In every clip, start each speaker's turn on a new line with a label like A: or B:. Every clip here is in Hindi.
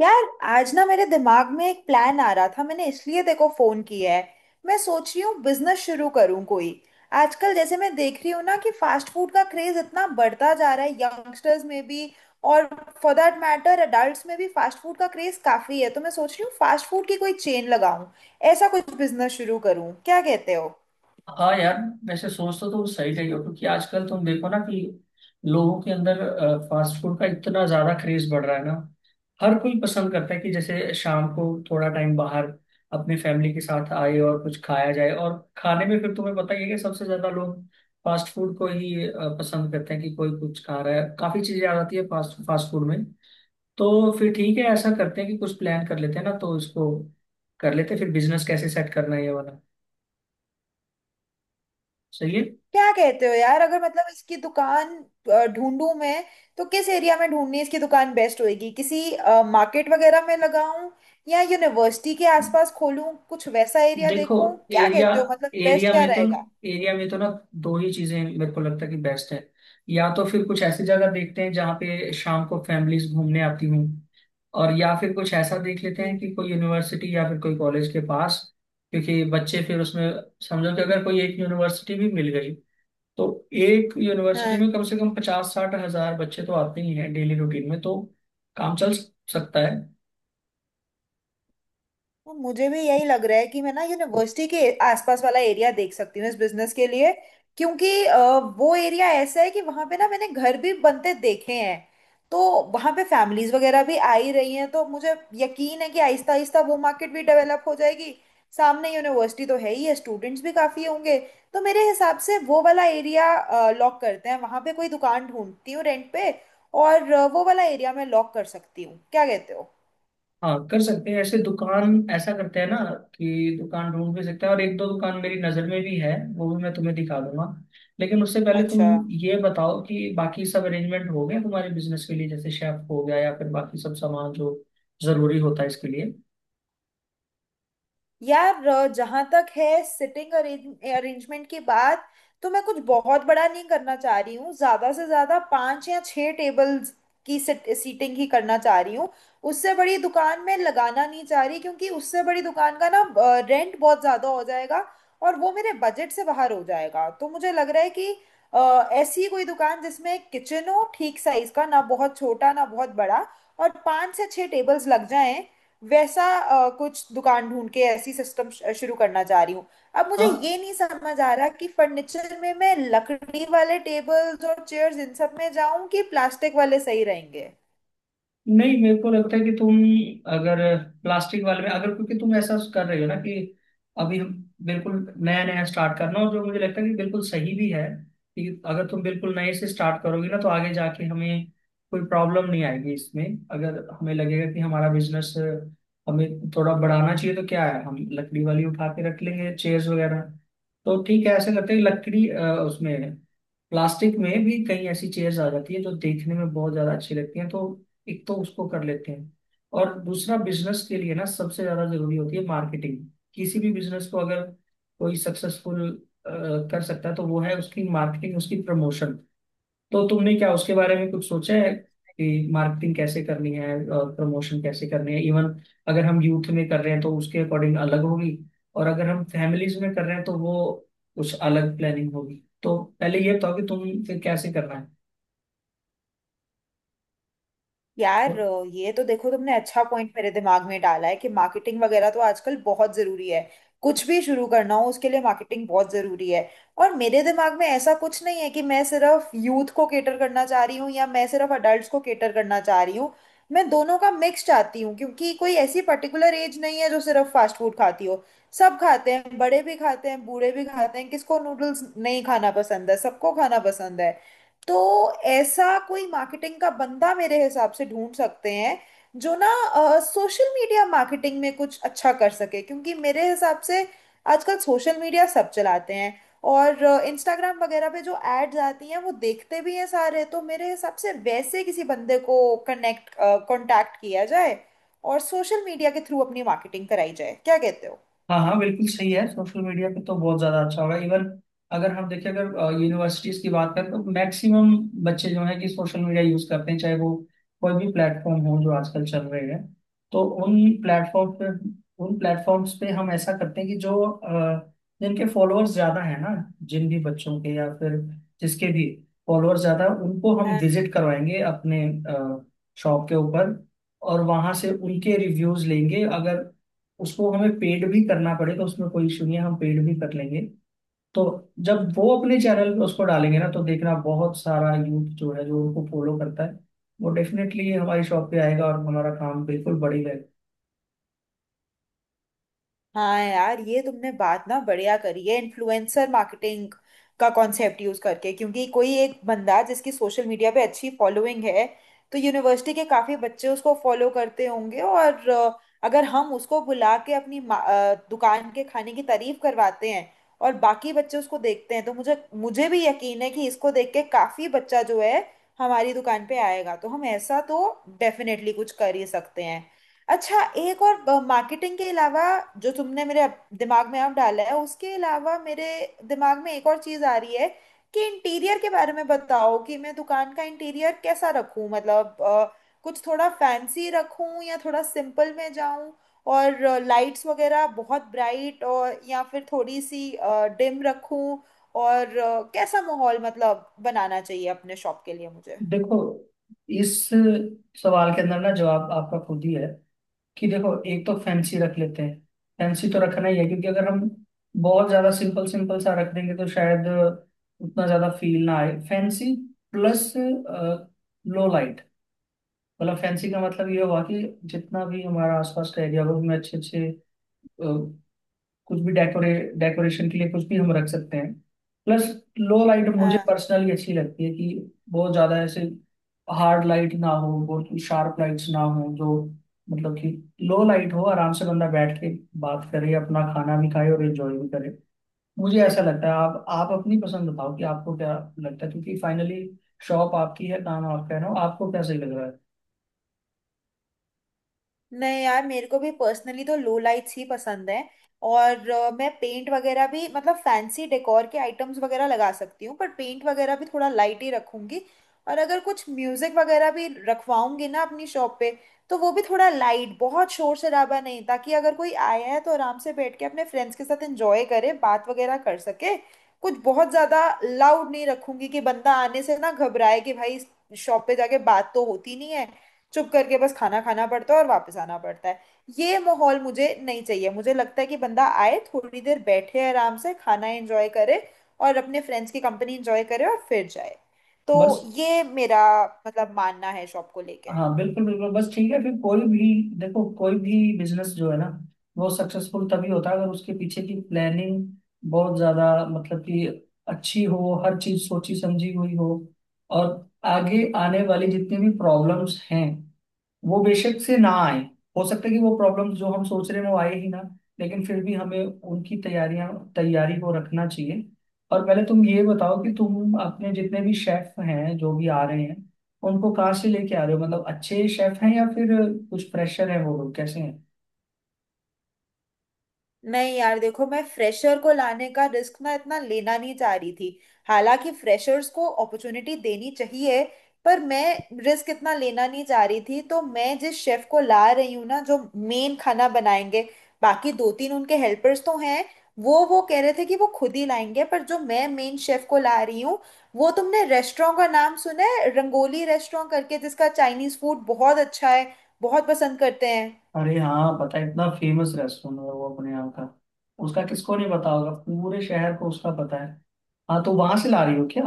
A: यार आज ना मेरे दिमाग में एक प्लान आ रहा था मैंने इसलिए देखो फोन किया है। मैं सोच रही हूँ बिजनेस शुरू करूँ कोई। आजकल जैसे मैं देख रही हूँ ना कि फास्ट फूड का क्रेज इतना बढ़ता जा रहा है यंगस्टर्स में भी, और फॉर दैट मैटर अडल्ट्स में भी फास्ट फूड का क्रेज काफी है, तो मैं सोच रही हूँ फास्ट फूड की कोई चेन लगाऊं, ऐसा कुछ बिजनेस शुरू करूँ, क्या कहते हो?
B: हाँ यार। वैसे सोच तो तुम सही रही हो, क्योंकि आजकल तुम देखो ना कि लोगों के अंदर फास्ट फूड का इतना ज्यादा क्रेज बढ़ रहा है ना। हर कोई पसंद करता है कि जैसे शाम को थोड़ा टाइम बाहर अपनी फैमिली के साथ आए और कुछ खाया जाए। और खाने में फिर तुम्हें पता ही है कि सबसे ज्यादा लोग फास्ट फूड को ही पसंद करते हैं। कि कोई कुछ खा रहा है, काफी चीजें आ जाती है फास्ट फास्ट फूड में। तो फिर ठीक है, ऐसा करते हैं कि कुछ प्लान कर लेते हैं ना, तो इसको कर लेते हैं, फिर बिजनेस कैसे सेट करना है ये वाला सही
A: क्या कहते हो यार, अगर मतलब इसकी दुकान ढूंढूं मैं, तो किस एरिया में ढूंढनी इसकी दुकान बेस्ट होएगी? किसी मार्केट वगैरह में लगाऊं, या यूनिवर्सिटी के
B: है।
A: आसपास खोलूं, कुछ वैसा एरिया
B: देखो,
A: देखूं? क्या
B: एरिया
A: कहते हो, मतलब बेस्ट
B: एरिया
A: क्या
B: में तो,
A: रहेगा?
B: एरिया में तो ना दो ही चीजें मेरे को लगता है कि बेस्ट है। या तो फिर कुछ ऐसी जगह देखते हैं जहाँ पे शाम को फैमिलीज घूमने आती हूँ, और या फिर कुछ ऐसा देख लेते हैं
A: हम्म।
B: कि कोई यूनिवर्सिटी या फिर कोई कॉलेज के पास। क्योंकि बच्चे फिर उसमें, समझो कि अगर कोई एक यूनिवर्सिटी भी मिल गई, तो एक यूनिवर्सिटी में कम से कम 50-60 हज़ार बच्चे तो आते ही हैं डेली रूटीन में, तो काम चल सकता है।
A: तो मुझे भी यही लग रहा है कि मैं ना यूनिवर्सिटी के आसपास वाला एरिया देख सकती हूँ इस बिजनेस के लिए, क्योंकि वो एरिया ऐसा है कि वहां पे ना मैंने घर भी बनते देखे हैं। तो वहां पे फैमिलीज वगैरह भी आ ही रही हैं, तो मुझे यकीन है कि आहिस्ता आहिस्ता वो मार्केट भी डेवलप हो जाएगी। सामने यूनिवर्सिटी तो है ही है, स्टूडेंट्स भी काफी होंगे। तो मेरे हिसाब से वो वाला एरिया लॉक करते हैं, वहां पे कोई दुकान ढूंढती हूँ रेंट पे। और वो वाला एरिया मैं लॉक कर सकती हूँ, क्या कहते हो?
B: हाँ कर सकते हैं, ऐसे दुकान ऐसा करते हैं ना कि दुकान ढूंढ भी सकते हैं, और एक दो दुकान मेरी नज़र में भी है, वो भी मैं तुम्हें दिखा दूंगा। लेकिन उससे पहले तुम
A: अच्छा।
B: ये बताओ कि बाकी सब अरेंजमेंट हो गए तुम्हारे बिजनेस के लिए, जैसे शेफ हो गया या फिर बाकी सब सामान जो जरूरी होता है इसके लिए।
A: यार जहां तक है सिटिंग अरेंजमेंट की बात, तो मैं कुछ बहुत बड़ा नहीं करना चाह रही हूँ। ज्यादा से ज्यादा पांच या छह टेबल्स की सीटिंग ही करना चाह रही हूँ। उससे बड़ी दुकान में लगाना नहीं चाह रही, क्योंकि उससे बड़ी दुकान का ना रेंट बहुत ज्यादा हो जाएगा और वो मेरे बजट से बाहर हो जाएगा। तो मुझे लग रहा है कि ऐसी कोई दुकान जिसमें एक किचन हो ठीक साइज का, ना बहुत छोटा ना बहुत बड़ा, और पांच से छह टेबल्स लग जाएं, वैसा कुछ दुकान ढूंढ के ऐसी सिस्टम शुरू करना चाह रही हूँ। अब मुझे
B: हाँ,
A: ये नहीं समझ आ रहा कि फर्नीचर में मैं लकड़ी वाले टेबल्स और चेयर्स इन सब में जाऊं कि प्लास्टिक वाले सही रहेंगे।
B: नहीं मेरे को लगता है कि तुम, अगर प्लास्टिक वाले में, अगर क्योंकि तुम ऐसा कर रहे हो ना कि अभी हम बिल्कुल नया नया स्टार्ट करना, और जो मुझे लगता है कि बिल्कुल सही भी है, कि अगर तुम बिल्कुल नए से स्टार्ट करोगे ना, तो आगे जाके हमें कोई प्रॉब्लम नहीं आएगी इसमें। अगर हमें लगेगा कि हमारा बिजनेस हमें थोड़ा बढ़ाना चाहिए, तो क्या है, हम लकड़ी वाली उठा के रख लेंगे चेयर्स वगैरह। तो ठीक है, ऐसे करते हैं लकड़ी उसमें, प्लास्टिक में भी कई ऐसी चेयर्स आ जाती है जो देखने में बहुत ज्यादा अच्छी लगती हैं, तो एक तो उसको कर लेते हैं। और दूसरा, बिजनेस के लिए ना सबसे ज्यादा जरूरी होती है मार्केटिंग। किसी भी बिजनेस को अगर कोई सक्सेसफुल कर सकता है, तो वो है उसकी मार्केटिंग, उसकी प्रमोशन। तो तुमने क्या उसके बारे में कुछ सोचा है कि मार्केटिंग कैसे करनी है और प्रमोशन कैसे करनी है। इवन अगर हम यूथ में कर रहे हैं तो उसके अकॉर्डिंग अलग होगी, और अगर हम फैमिलीज में कर रहे हैं तो वो कुछ अलग प्लानिंग होगी। तो पहले ये बताओ कि तुम फिर कैसे करना है।
A: यार ये तो देखो तुमने अच्छा पॉइंट मेरे दिमाग में डाला है कि मार्केटिंग वगैरह तो आजकल बहुत जरूरी है। कुछ भी शुरू करना हो, उसके लिए मार्केटिंग बहुत जरूरी है। और मेरे दिमाग में ऐसा कुछ नहीं है कि मैं सिर्फ यूथ को केटर करना चाह रही हूँ, या मैं सिर्फ अडल्ट को केटर करना चाह रही हूँ। मैं दोनों का मिक्स चाहती हूँ, क्योंकि कोई ऐसी पर्टिकुलर एज नहीं है जो सिर्फ फास्ट फूड खाती हो। सब खाते हैं, बड़े भी खाते हैं, बूढ़े भी खाते हैं, किसको नूडल्स नहीं खाना पसंद है, सबको खाना पसंद है। तो ऐसा कोई मार्केटिंग का बंदा मेरे हिसाब से ढूंढ सकते हैं जो ना सोशल मीडिया मार्केटिंग में कुछ अच्छा कर सके, क्योंकि मेरे हिसाब से आजकल सोशल मीडिया सब चलाते हैं, और इंस्टाग्राम वगैरह पे जो एड्स आती हैं वो देखते भी हैं सारे। तो मेरे हिसाब से वैसे किसी बंदे को कनेक्ट कांटेक्ट किया जाए और सोशल मीडिया के थ्रू अपनी मार्केटिंग कराई जाए, क्या कहते हो?
B: हाँ हाँ बिल्कुल सही है, सोशल मीडिया पे तो बहुत ज़्यादा अच्छा होगा। इवन अगर हम देखें, अगर यूनिवर्सिटीज़ की बात करें, तो मैक्सिमम बच्चे जो हैं कि सोशल मीडिया यूज़ करते हैं, चाहे वो कोई भी प्लेटफॉर्म हो जो आजकल चल रहे हैं। तो प्लेटफॉर्म पे उन प्लेटफॉर्म्स पे हम ऐसा करते हैं कि जो जिनके फॉलोअर्स ज़्यादा हैं ना, जिन भी बच्चों के या फिर जिसके भी फॉलोअर्स ज़्यादा हैं, उनको हम विजिट करवाएंगे अपने शॉप के ऊपर, और वहां से उनके रिव्यूज लेंगे। अगर उसको हमें पेड भी करना पड़ेगा, उसमें कोई इशू नहीं है, हम पेड भी कर लेंगे। तो जब वो अपने चैनल पे उसको डालेंगे ना, तो देखना बहुत सारा यूथ जो है जो उनको फॉलो करता है, वो डेफिनेटली हमारी शॉप पे आएगा और हमारा काम बिल्कुल बढ़ेगा।
A: हाँ यार, ये तुमने बात ना बढ़िया करी है, इन्फ्लुएंसर मार्केटिंग का कॉन्सेप्ट यूज करके, क्योंकि कोई एक बंदा जिसकी सोशल मीडिया पे अच्छी फॉलोइंग है, तो यूनिवर्सिटी के काफी बच्चे उसको फॉलो करते होंगे। और अगर हम उसको बुला के अपनी दुकान के खाने की तारीफ करवाते हैं और बाकी बच्चे उसको देखते हैं, तो मुझे मुझे भी यकीन है कि इसको देख के काफी बच्चा जो है हमारी दुकान पे आएगा। तो हम ऐसा तो डेफिनेटली कुछ कर ही सकते हैं। अच्छा, एक और मार्केटिंग के अलावा जो तुमने दिमाग में अब डाला है, उसके अलावा मेरे दिमाग में एक और चीज आ रही है, कि इंटीरियर के बारे में बताओ कि मैं दुकान का इंटीरियर कैसा रखूं? मतलब कुछ थोड़ा फैंसी रखूं या थोड़ा सिंपल में जाऊं, और लाइट्स वगैरह बहुत ब्राइट और या फिर थोड़ी सी डिम रखूं, और कैसा माहौल मतलब बनाना चाहिए अपने शॉप के लिए मुझे?
B: देखो, इस सवाल के अंदर ना जवाब आपका खुद ही है। कि देखो, एक तो फैंसी रख लेते हैं। फैंसी तो रखना ही है, क्योंकि अगर हम बहुत ज्यादा सिंपल सिंपल सा रख देंगे तो शायद उतना ज्यादा फील ना आए। Fancy plus low light. मतलब फैंसी का मतलब ये हुआ कि जितना भी हमारा आसपास का एरिया हो उसमें अच्छे अच्छे कुछ भी डेकोरेशन के लिए कुछ भी हम रख सकते हैं। प्लस लो लाइट मुझे पर्सनली अच्छी लगती है, कि बहुत ज्यादा ऐसे हार्ड लाइट ना हो, बहुत शार्प लाइट्स ना हो जो, मतलब कि लो लाइट हो, आराम से बंदा बैठ के बात करे, अपना खाना भी खाए और एंजॉय भी करे। मुझे ऐसा लगता है। आप अपनी पसंद बताओ कि आपको क्या लगता है, क्योंकि फाइनली शॉप आपकी है, काम आपका है ना, आपको क्या सही लग रहा है।
A: नहीं यार, मेरे को भी पर्सनली तो लो लाइट्स ही पसंद है। और मैं पेंट वगैरह भी, मतलब फैंसी डेकोर के आइटम्स वगैरह लगा सकती हूँ, पर पेंट वगैरह भी थोड़ा लाइट ही रखूंगी। और अगर कुछ म्यूजिक वगैरह भी रखवाऊंगी ना अपनी शॉप पे, तो वो भी थोड़ा लाइट, बहुत शोर शराबा नहीं, ताकि अगर कोई आया है तो आराम से बैठ के अपने फ्रेंड्स के साथ एंजॉय करे, बात वगैरह कर सके। कुछ बहुत ज्यादा लाउड नहीं रखूंगी कि बंदा आने से ना घबराए कि भाई शॉप पे जाके बात तो होती नहीं है, चुप करके बस खाना खाना पड़ता है और वापस आना पड़ता है। ये माहौल मुझे नहीं चाहिए। मुझे लगता है कि बंदा आए, थोड़ी देर बैठे, आराम से खाना एंजॉय करे और अपने फ्रेंड्स की कंपनी एंजॉय करे, और फिर जाए। तो
B: बस,
A: ये मेरा मतलब मानना है शॉप को लेके।
B: हाँ बिल्कुल बिल्कुल, बस ठीक है फिर। कोई भी, देखो कोई भी बिजनेस जो है ना, वो सक्सेसफुल तभी होता है अगर उसके पीछे की प्लानिंग बहुत ज्यादा, मतलब कि अच्छी हो, हर चीज सोची समझी हुई हो। और आगे आने वाली जितनी भी प्रॉब्लम्स हैं वो बेशक से ना आए। हो सकता है कि वो प्रॉब्लम्स जो हम सोच रहे हैं वो आए ही ना, लेकिन फिर भी हमें उनकी तैयारियां तैयारी को रखना चाहिए। और पहले तुम ये बताओ कि तुम अपने जितने भी शेफ हैं जो भी आ रहे हैं, उनको कहाँ से लेके आ रहे हो, मतलब अच्छे शेफ हैं या फिर कुछ प्रेशर है, वो लोग कैसे हैं।
A: नहीं यार देखो, मैं फ्रेशर को लाने का रिस्क ना इतना लेना नहीं चाह रही थी। हालांकि फ्रेशर्स को अपॉर्चुनिटी देनी चाहिए, पर मैं रिस्क इतना लेना नहीं चाह रही थी। तो मैं जिस शेफ को ला रही हूँ ना, जो मेन खाना बनाएंगे, बाकी दो तीन उनके हेल्पर्स तो हैं, वो कह रहे थे कि वो खुद ही लाएंगे। पर जो मैं मेन शेफ को ला रही हूँ, वो, तुमने रेस्टोरेंट का नाम सुना है रंगोली रेस्टोरेंट करके जिसका चाइनीज फूड बहुत अच्छा है, बहुत पसंद करते हैं।
B: अरे हाँ पता है, इतना फेमस रेस्टोरेंट है वो अपने यहाँ का, उसका किसको नहीं पता होगा, पूरे शहर को उसका पता है। हाँ, तो वहां से ला रही हो क्या?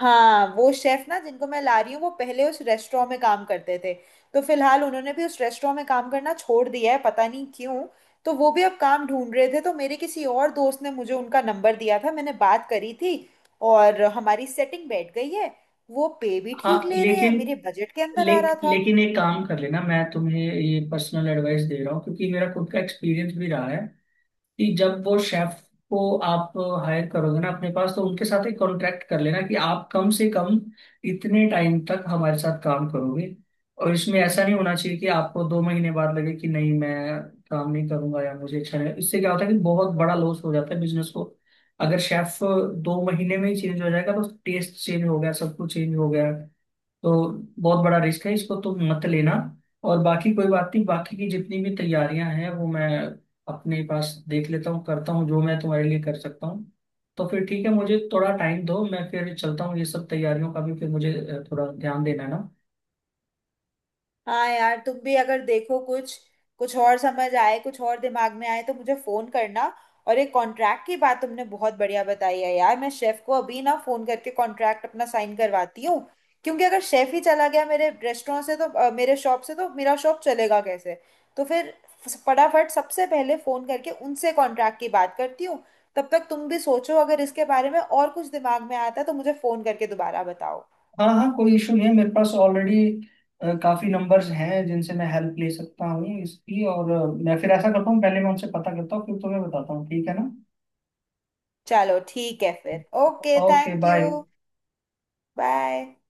A: हाँ, वो शेफ ना, जिनको मैं ला रही हूँ, वो पहले उस रेस्टोरेंट में काम करते थे। तो फिलहाल उन्होंने भी उस रेस्टोरेंट में काम करना छोड़ दिया है, पता नहीं क्यों। तो वो भी अब काम ढूंढ रहे थे, तो मेरे किसी और दोस्त ने मुझे उनका नंबर दिया था, मैंने बात करी थी और हमारी सेटिंग बैठ गई है। वो पे भी ठीक
B: हाँ
A: ले रहे
B: लेकिन,
A: हैं, मेरे बजट के अंदर आ रहा था।
B: लेकिन एक काम कर लेना, मैं तुम्हें ये पर्सनल एडवाइस दे रहा हूँ क्योंकि मेरा खुद का एक्सपीरियंस भी रहा है, कि जब वो शेफ को आप हायर करोगे ना अपने पास, तो उनके साथ एक कॉन्ट्रैक्ट कर लेना कि आप कम से कम इतने टाइम तक हमारे साथ काम करोगे। और इसमें ऐसा नहीं होना चाहिए कि आपको 2 महीने बाद लगे कि नहीं, मैं काम नहीं करूंगा या मुझे अच्छा नहीं। इससे क्या होता है कि बहुत बड़ा लॉस हो जाता है बिजनेस को। अगर शेफ 2 महीने में ही चेंज हो जाएगा तो टेस्ट चेंज हो गया, सब कुछ चेंज हो गया। तो बहुत बड़ा रिस्क है, इसको तो मत लेना। और बाकी कोई बात नहीं, बाकी की जितनी भी तैयारियां हैं वो मैं अपने पास देख लेता हूँ, करता हूँ जो मैं तुम्हारे लिए कर सकता हूँ। तो फिर ठीक है, मुझे थोड़ा टाइम दो, मैं फिर चलता हूँ, ये सब तैयारियों का भी फिर मुझे थोड़ा ध्यान देना है ना।
A: हाँ यार, तुम भी अगर देखो कुछ कुछ और समझ आए, कुछ और दिमाग में आए, तो मुझे फोन करना। और ये कॉन्ट्रैक्ट की बात तुमने बहुत बढ़िया बताई है यार, मैं शेफ को अभी ना फोन करके कॉन्ट्रैक्ट अपना साइन करवाती हूँ, क्योंकि अगर शेफ ही चला गया मेरे रेस्टोरेंट से, तो मेरे शॉप से, तो मेरा शॉप चलेगा कैसे? तो फिर फटाफट सबसे पहले फोन करके उनसे कॉन्ट्रैक्ट की बात करती हूँ। तब तक तुम भी सोचो, अगर इसके बारे में और कुछ दिमाग में आता है तो मुझे फोन करके दोबारा बताओ।
B: हाँ हाँ कोई इशू नहीं है, मेरे पास ऑलरेडी काफी नंबर्स हैं जिनसे मैं हेल्प ले सकता हूँ इसकी। और मैं फिर ऐसा करता हूँ, पहले मैं उनसे पता करता हूँ, फिर तुम्हें बताता हूँ ठीक है ना।
A: चलो ठीक है फिर, okay,
B: okay
A: thank
B: bye.
A: You. Bye.